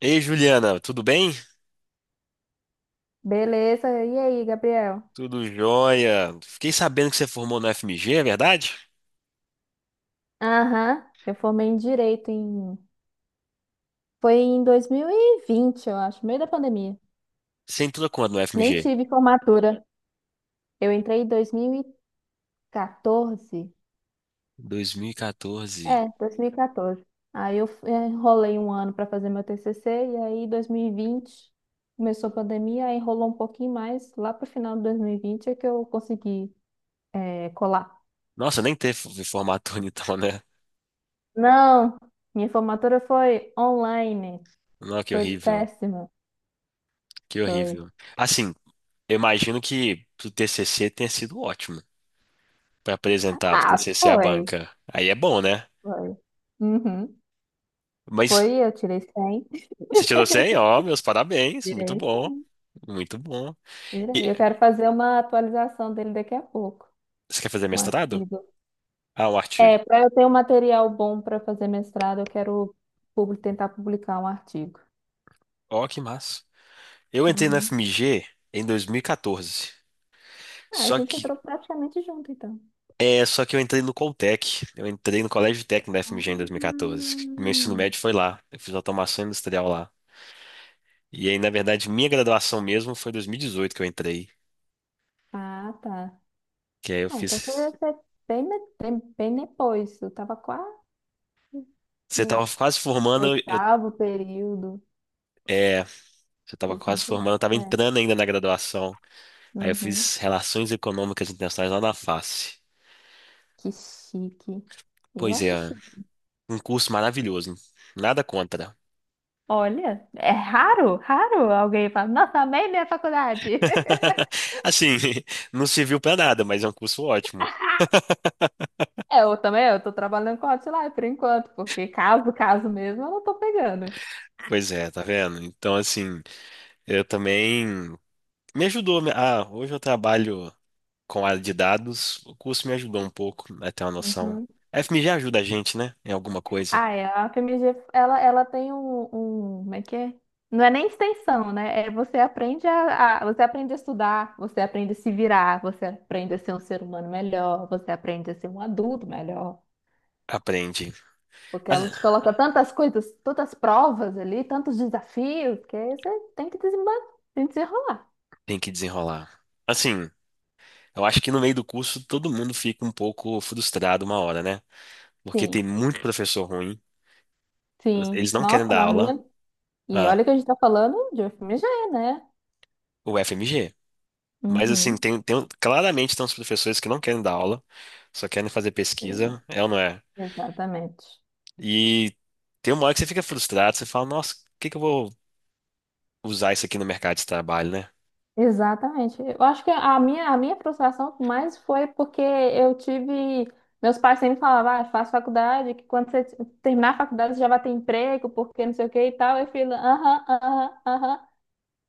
Ei, Juliana, tudo bem? Beleza. E aí, Gabriel? Tudo jóia. Fiquei sabendo que você formou no FMG, é verdade? Aham, eu formei em direito. Foi em 2020, eu acho, meio da pandemia. Você entrou quando no Nem FMG? tive formatura. Eu entrei em 2014. 2014. É, 2014. Aí eu enrolei um ano para fazer meu TCC, e aí 2020 começou a pandemia, aí enrolou um pouquinho mais. Lá pro final de 2020 é que eu consegui, colar. Nossa, nem teve formatura então, né? Não, minha formatura foi online. Não, que Foi horrível. péssima. Que Foi. horrível. Assim, eu imagino que o TCC tenha sido ótimo para apresentar o Ah, TCC à foi, banca. Aí é bom, né? foi. Uhum. Mas Foi, eu tirei 100. você tirou 100, ó, meus parabéns. Muito Tirei, bom. Muito bom. tirei. E Eu quero fazer uma atualização dele daqui a pouco, você quer fazer um mestrado? artigo. Ah, o artigo. É, para eu ter um material bom para fazer mestrado, eu quero tentar publicar um artigo. Ó, que massa. Eu entrei na Uhum. FMG em 2014. Ah, a Só gente que entrou praticamente junto, então. só que eu entrei no Coltec. Eu entrei no Colégio Técnico da FMG em Ah, 2014. Meu ensino médio foi lá. Eu fiz automação industrial lá. E aí, na verdade, minha graduação mesmo foi em 2018 que eu entrei. ah, tá. Que aí eu Ah, então fiz. foi bem, bem depois. Eu estava quase Você no tava quase formando, eu, oitavo período. é, você tava Assim, quase formando, eu tava é. entrando ainda na graduação. Aí eu Uhum. fiz Relações Econômicas Internacionais lá na FACE. Que chique. Eu Pois acho é, chique. um curso maravilhoso, hein? Nada contra. Olha, é raro, raro alguém fala, nossa, amei minha faculdade. Assim, não serviu pra nada, mas é um curso ótimo. É, eu também, eu tô trabalhando com Hotline por enquanto, porque caso, caso mesmo, eu não tô pegando. Pois é, tá vendo? Então, assim, eu também me ajudou. Ah, hoje eu trabalho com área de dados. O curso me ajudou um pouco a ter uma noção. Uhum. A FMG ajuda a gente, né? Em alguma coisa. Ah, é, a FMG, ela tem um, como é que é? Não é nem extensão, né? É você aprende você aprende a estudar, você aprende a se virar, você aprende a ser um ser humano melhor, você aprende a ser um adulto melhor. Aprende. Porque ela te Ah, coloca tantas coisas, tantas provas ali, tantos desafios, que aí você tem que desenrolar. tem que desenrolar. Assim, eu acho que no meio do curso todo mundo fica um pouco frustrado uma hora, né? Porque Sim, tem muito professor ruim. sim. Eles não querem Nossa, dar na aula. minha. E Ah, olha que a gente tá falando de FMG, né? o FMG. Mas assim, Uhum. Claramente tem uns professores que não querem dar aula, só querem fazer Sim, pesquisa, é ou não é? exatamente. E tem uma hora que você fica frustrado, você fala, nossa, o que que eu vou usar isso aqui no mercado de trabalho, né? Exatamente. Eu acho que a minha frustração mais foi porque eu tive. Meus pais sempre falavam, ah, faz faculdade, que quando você terminar a faculdade você já vai ter emprego, porque não sei o que e tal. Eu falei, aham, aham, aham.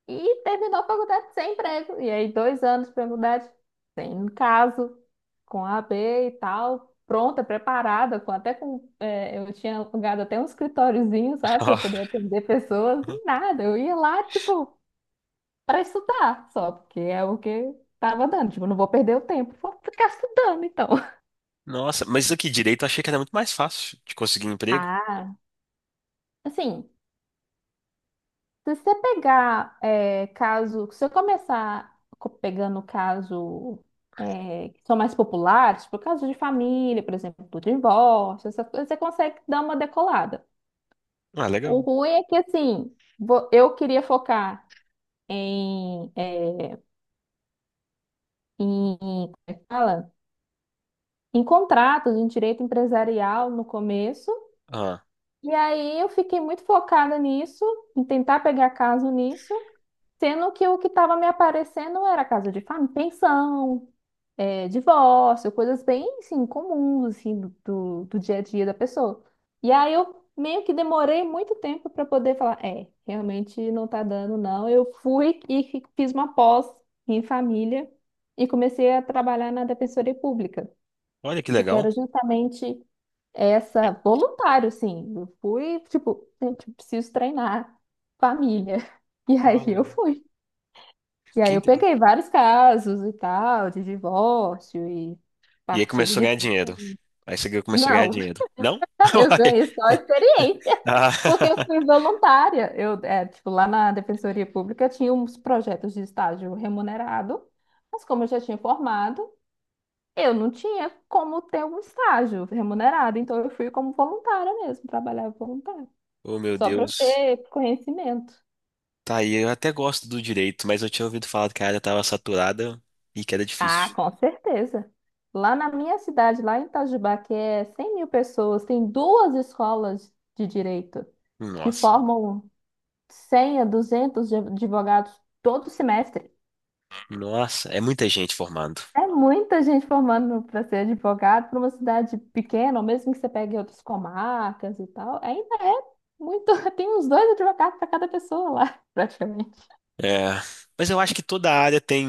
E terminou a faculdade sem emprego. E aí, 2 anos de faculdade, sem caso, com a AB e tal, pronta, preparada, com, até com. Eu tinha alugado até um escritóriozinho, sabe, para poder atender pessoas, Ó, e nada. Eu ia lá, tipo, para estudar só, porque é o que tava dando. Tipo, não vou perder o tempo, vou ficar estudando, então. nossa, mas isso aqui direito eu achei que era muito mais fácil de conseguir emprego. Ah, assim. Se você pegar caso, se eu começar pegando caso, que são mais populares, tipo caso de família, por exemplo, do divórcio, essas coisas, você consegue dar uma decolada. Ah, O legal. ruim é que assim, eu queria focar em, é, em, como é que fala? Em contratos, em direito empresarial no começo, Ah, e aí eu fiquei muito focada nisso, em tentar pegar caso nisso. Sendo que o que estava me aparecendo era casa de família, pensão, divórcio, coisas bem, assim, comuns, assim, do dia a dia da pessoa. E aí eu meio que demorei muito tempo para poder falar, realmente não tá dando, não. Eu fui e fiz uma pós em família e comecei a trabalhar na Defensoria Pública, olha que porque legal. era justamente essa, voluntário, assim. Eu fui, tipo, gente, preciso treinar família. E aí eu Olha. fui. E Que aí eu inte- peguei vários casos e tal, de divórcio e E aí partilha começou a de ganhar bens. dinheiro. Aí você começou a ganhar Não, dinheiro. Não? eu Uai. ganhei só a experiência, porque eu Ah, fui voluntária. Eu, tipo, lá na Defensoria Pública tinha uns projetos de estágio remunerado, mas como eu já tinha formado, eu não tinha como ter um estágio remunerado, então eu fui como voluntária mesmo, trabalhava voluntária, oh meu só para Deus. ter conhecimento. Tá aí, eu até gosto do direito, mas eu tinha ouvido falar que a área tava saturada e que era Ah, difícil. com certeza. Lá na minha cidade, lá em Itajubá, que é 100 mil pessoas, tem duas escolas de direito que Nossa, formam 100 a 200 advogados todo semestre. nossa, é muita gente formando. É muita gente formando para ser advogado para uma cidade pequena, ou mesmo que você pegue outras comarcas e tal. Ainda é muito. Tem uns dois advogados para cada pessoa lá, praticamente. É, mas eu acho que toda área tem,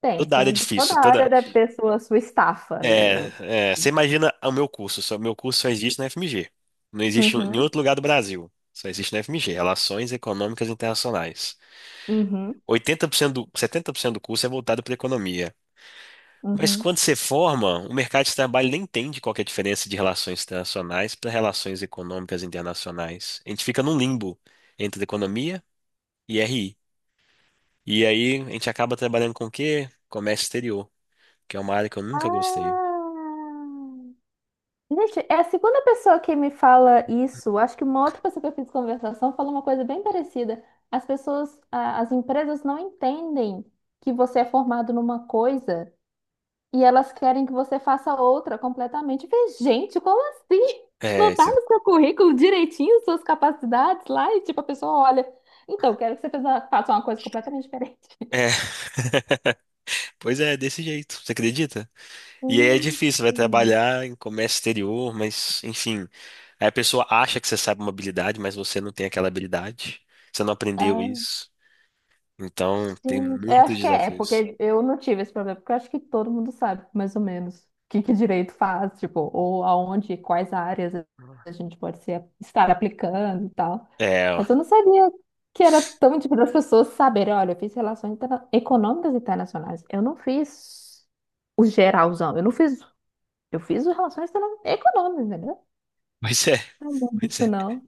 Tem, toda área é tem. Toda difícil, área toda. deve ter sua estafa ali. É, você imagina o meu curso só existe na FMG. Não existe em nenhum Uhum, outro lugar do Brasil. Só existe na FMG, Relações Econômicas Internacionais. uhum, 80% do, 70% do curso é voltado para economia. Mas uhum. quando você forma, o mercado de trabalho nem entende qual que é a diferença de relações internacionais para relações econômicas internacionais. A gente fica num limbo entre economia e RI. E aí a gente acaba trabalhando com o quê? Comércio exterior, que é uma área que eu nunca gostei. Ah! Gente, é a segunda pessoa que me fala isso. Acho que uma outra pessoa que eu fiz conversação falou uma coisa bem parecida. As pessoas, as empresas não entendem que você é formado numa coisa e elas querem que você faça outra completamente. Eu falei, gente, como assim? É, Não tá isso no seu currículo direitinho suas capacidades lá e tipo a pessoa olha. Então, quero que você faça uma coisa completamente diferente. é. Pois é, desse jeito, você acredita? E aí é difícil, vai Hum. trabalhar em comércio exterior, mas enfim. Aí a pessoa acha que você sabe uma habilidade, mas você não tem aquela habilidade. Você não aprendeu isso. Então, tem Sim, eu muitos acho que é, desafios. porque eu não tive esse problema, porque eu acho que todo mundo sabe, mais ou menos, o que que direito faz, tipo, ou aonde, quais áreas a gente pode ser, estar aplicando e tal. É, ó. Mas eu não sabia que era tão difícil das pessoas saberem, olha, eu fiz relações econômicas internacionais, eu não fiz o geralzão, eu não fiz, eu fiz o relações econômicas, entendeu? Pois é, Não, não, pois isso é. não.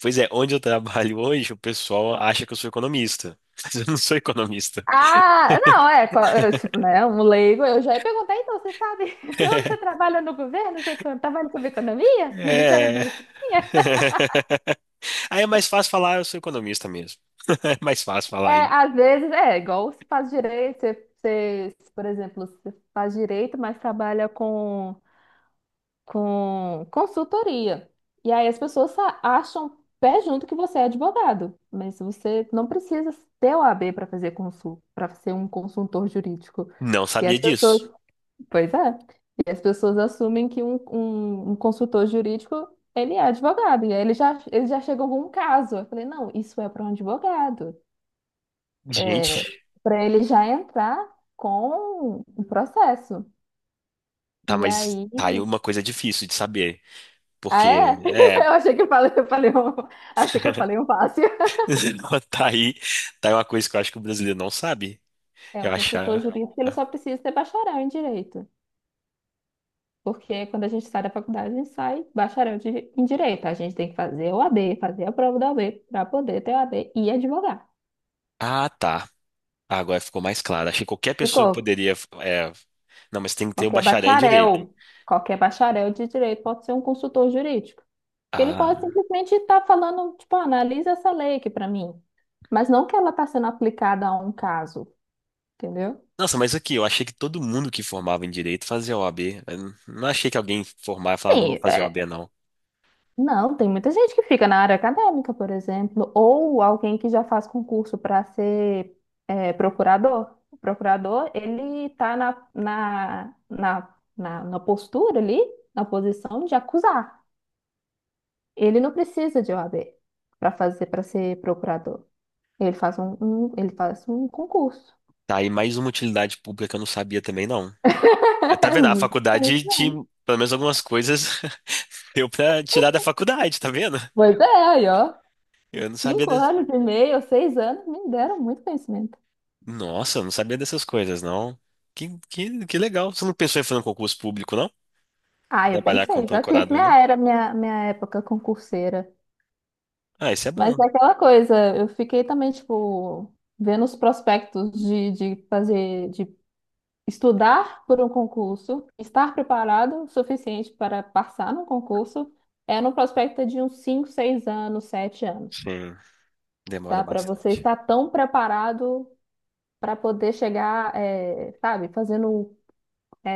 Pois é, onde eu trabalho hoje, o pessoal acha que eu sou economista. Mas eu não sou economista. Ah, não, eu, tipo, né, um leigo, eu já ia perguntar, então, você sabe onde você trabalha no governo? Você trabalha com economia? Ministério da É. Economia? Aí é mais fácil falar, eu sou economista mesmo. É mais fácil falar É, aí. às vezes, igual se faz direito, você, por exemplo, você faz direito, mas trabalha com consultoria. E aí as pessoas acham pé junto que você é advogado, mas você não precisa ter o OAB para para ser um consultor jurídico. Não E sabia as pessoas. disso. Pois é. E as pessoas assumem que um consultor jurídico, ele é advogado. E aí eles já chegam com um caso. Eu falei, não, isso é para um advogado. Gente, É, para ele já entrar com o processo. tá, E mas aí... tá aí uma coisa difícil de saber. Ah, Porque, é? é, Eu achei que eu falei um fácil. tá aí, tá aí uma coisa que eu acho que o brasileiro não sabe. É, o Eu consultor achar. jurídico, ele só precisa ter bacharel em direito. Porque quando a gente sai da faculdade, a gente sai bacharel em direito. A gente tem que fazer o OAB, fazer a prova da OAB para poder ter o OAB e advogar. Ah, tá. Ah, agora ficou mais claro. Achei que qualquer pessoa Ficou. poderia. É, não, mas tem que ter o Qualquer bacharel em direito. bacharel, qualquer bacharel de direito pode ser um consultor jurídico. Porque ele pode Ah. simplesmente estar falando, tipo, "Ah, analisa essa lei aqui para mim. Mas não que ela está sendo aplicada a um caso, entendeu? Nossa, mas aqui, eu achei que todo mundo que formava em direito fazia OAB. Não achei que alguém formava e falava, não vou Sim, fazer o OAB, não. não, tem muita gente que fica na área acadêmica, por exemplo, ou alguém que já faz concurso para ser procurador. O procurador, ele está na postura ali, na posição de acusar. Ele não precisa de OAB para para ser procurador. Ele faz um concurso. Tá aí mais uma utilidade pública que eu não sabia também, não. Ah, tá É vendo? A muito faculdade te, conhecimento. pelo menos algumas coisas deu pra tirar da faculdade, tá vendo? Pois é, aí, ó. Eu não sabia Cinco des... anos e meio, 6 anos, me deram muito conhecimento. Nossa, eu não sabia dessas coisas, não. Que legal. Você não pensou em fazer um concurso público, não? Ah, eu Trabalhar como pensei, já tive procurador, não? minha época concurseira. Ah, isso é Mas bom. é aquela coisa, eu fiquei também, tipo, vendo os prospectos de estudar por um concurso, estar preparado o suficiente para passar no concurso, no prospecto de uns 5, 6 anos, 7 anos, Sim. Demora tá? Para você bastante. estar tão preparado para poder chegar, sabe, fazendo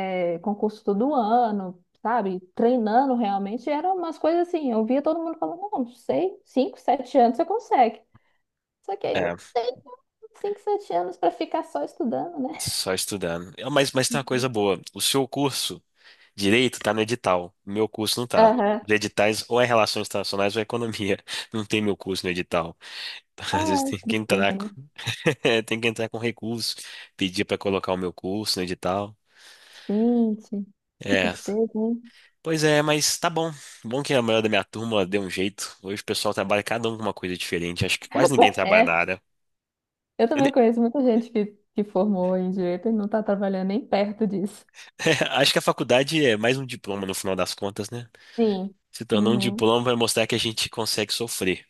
concurso todo ano, sabe? Treinando realmente, eram umas coisas assim. Eu via todo mundo falando, não, não sei, 5, 7 anos você consegue. Só que aí não É, tem 5, 7 anos para ficar só estudando, né? só estudando. É, Mas tem uma coisa Uhum. boa. O seu curso direito tá no edital. O meu curso não tá. Aham. Os editais ou é Relações Internacionais ou é Economia. Não tem meu curso no edital. Às vezes Ah, tem que entrar tristeza, com, né? tem que entrar com recurso, pedir para colocar o meu curso no edital. Gente, que É. tristeza, hein? Pois é, mas tá bom. Bom que a maioria da minha turma deu um jeito. Hoje o pessoal trabalha cada um com uma coisa diferente. Acho que quase ninguém trabalha na É, área. eu Eu também nem- conheço muita gente que formou em direito e não está trabalhando nem perto disso. Acho que a faculdade é mais um diploma no final das contas, né? Sim. Se tornou um Uhum. diploma, vai mostrar que a gente consegue sofrer.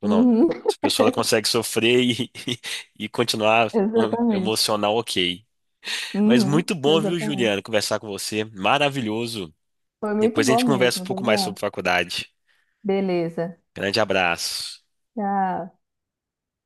Ou não. Uhum. Essa pessoa ela consegue sofrer e, e continuar um- Exatamente. emocional, ok. Mas Uhum. muito bom, viu, Exatamente. Juliano, conversar com você. Maravilhoso. Foi muito Depois a bom gente conversa um mesmo, pouco mais Gabriel. sobre faculdade. Beleza. Grande abraço. Tchau.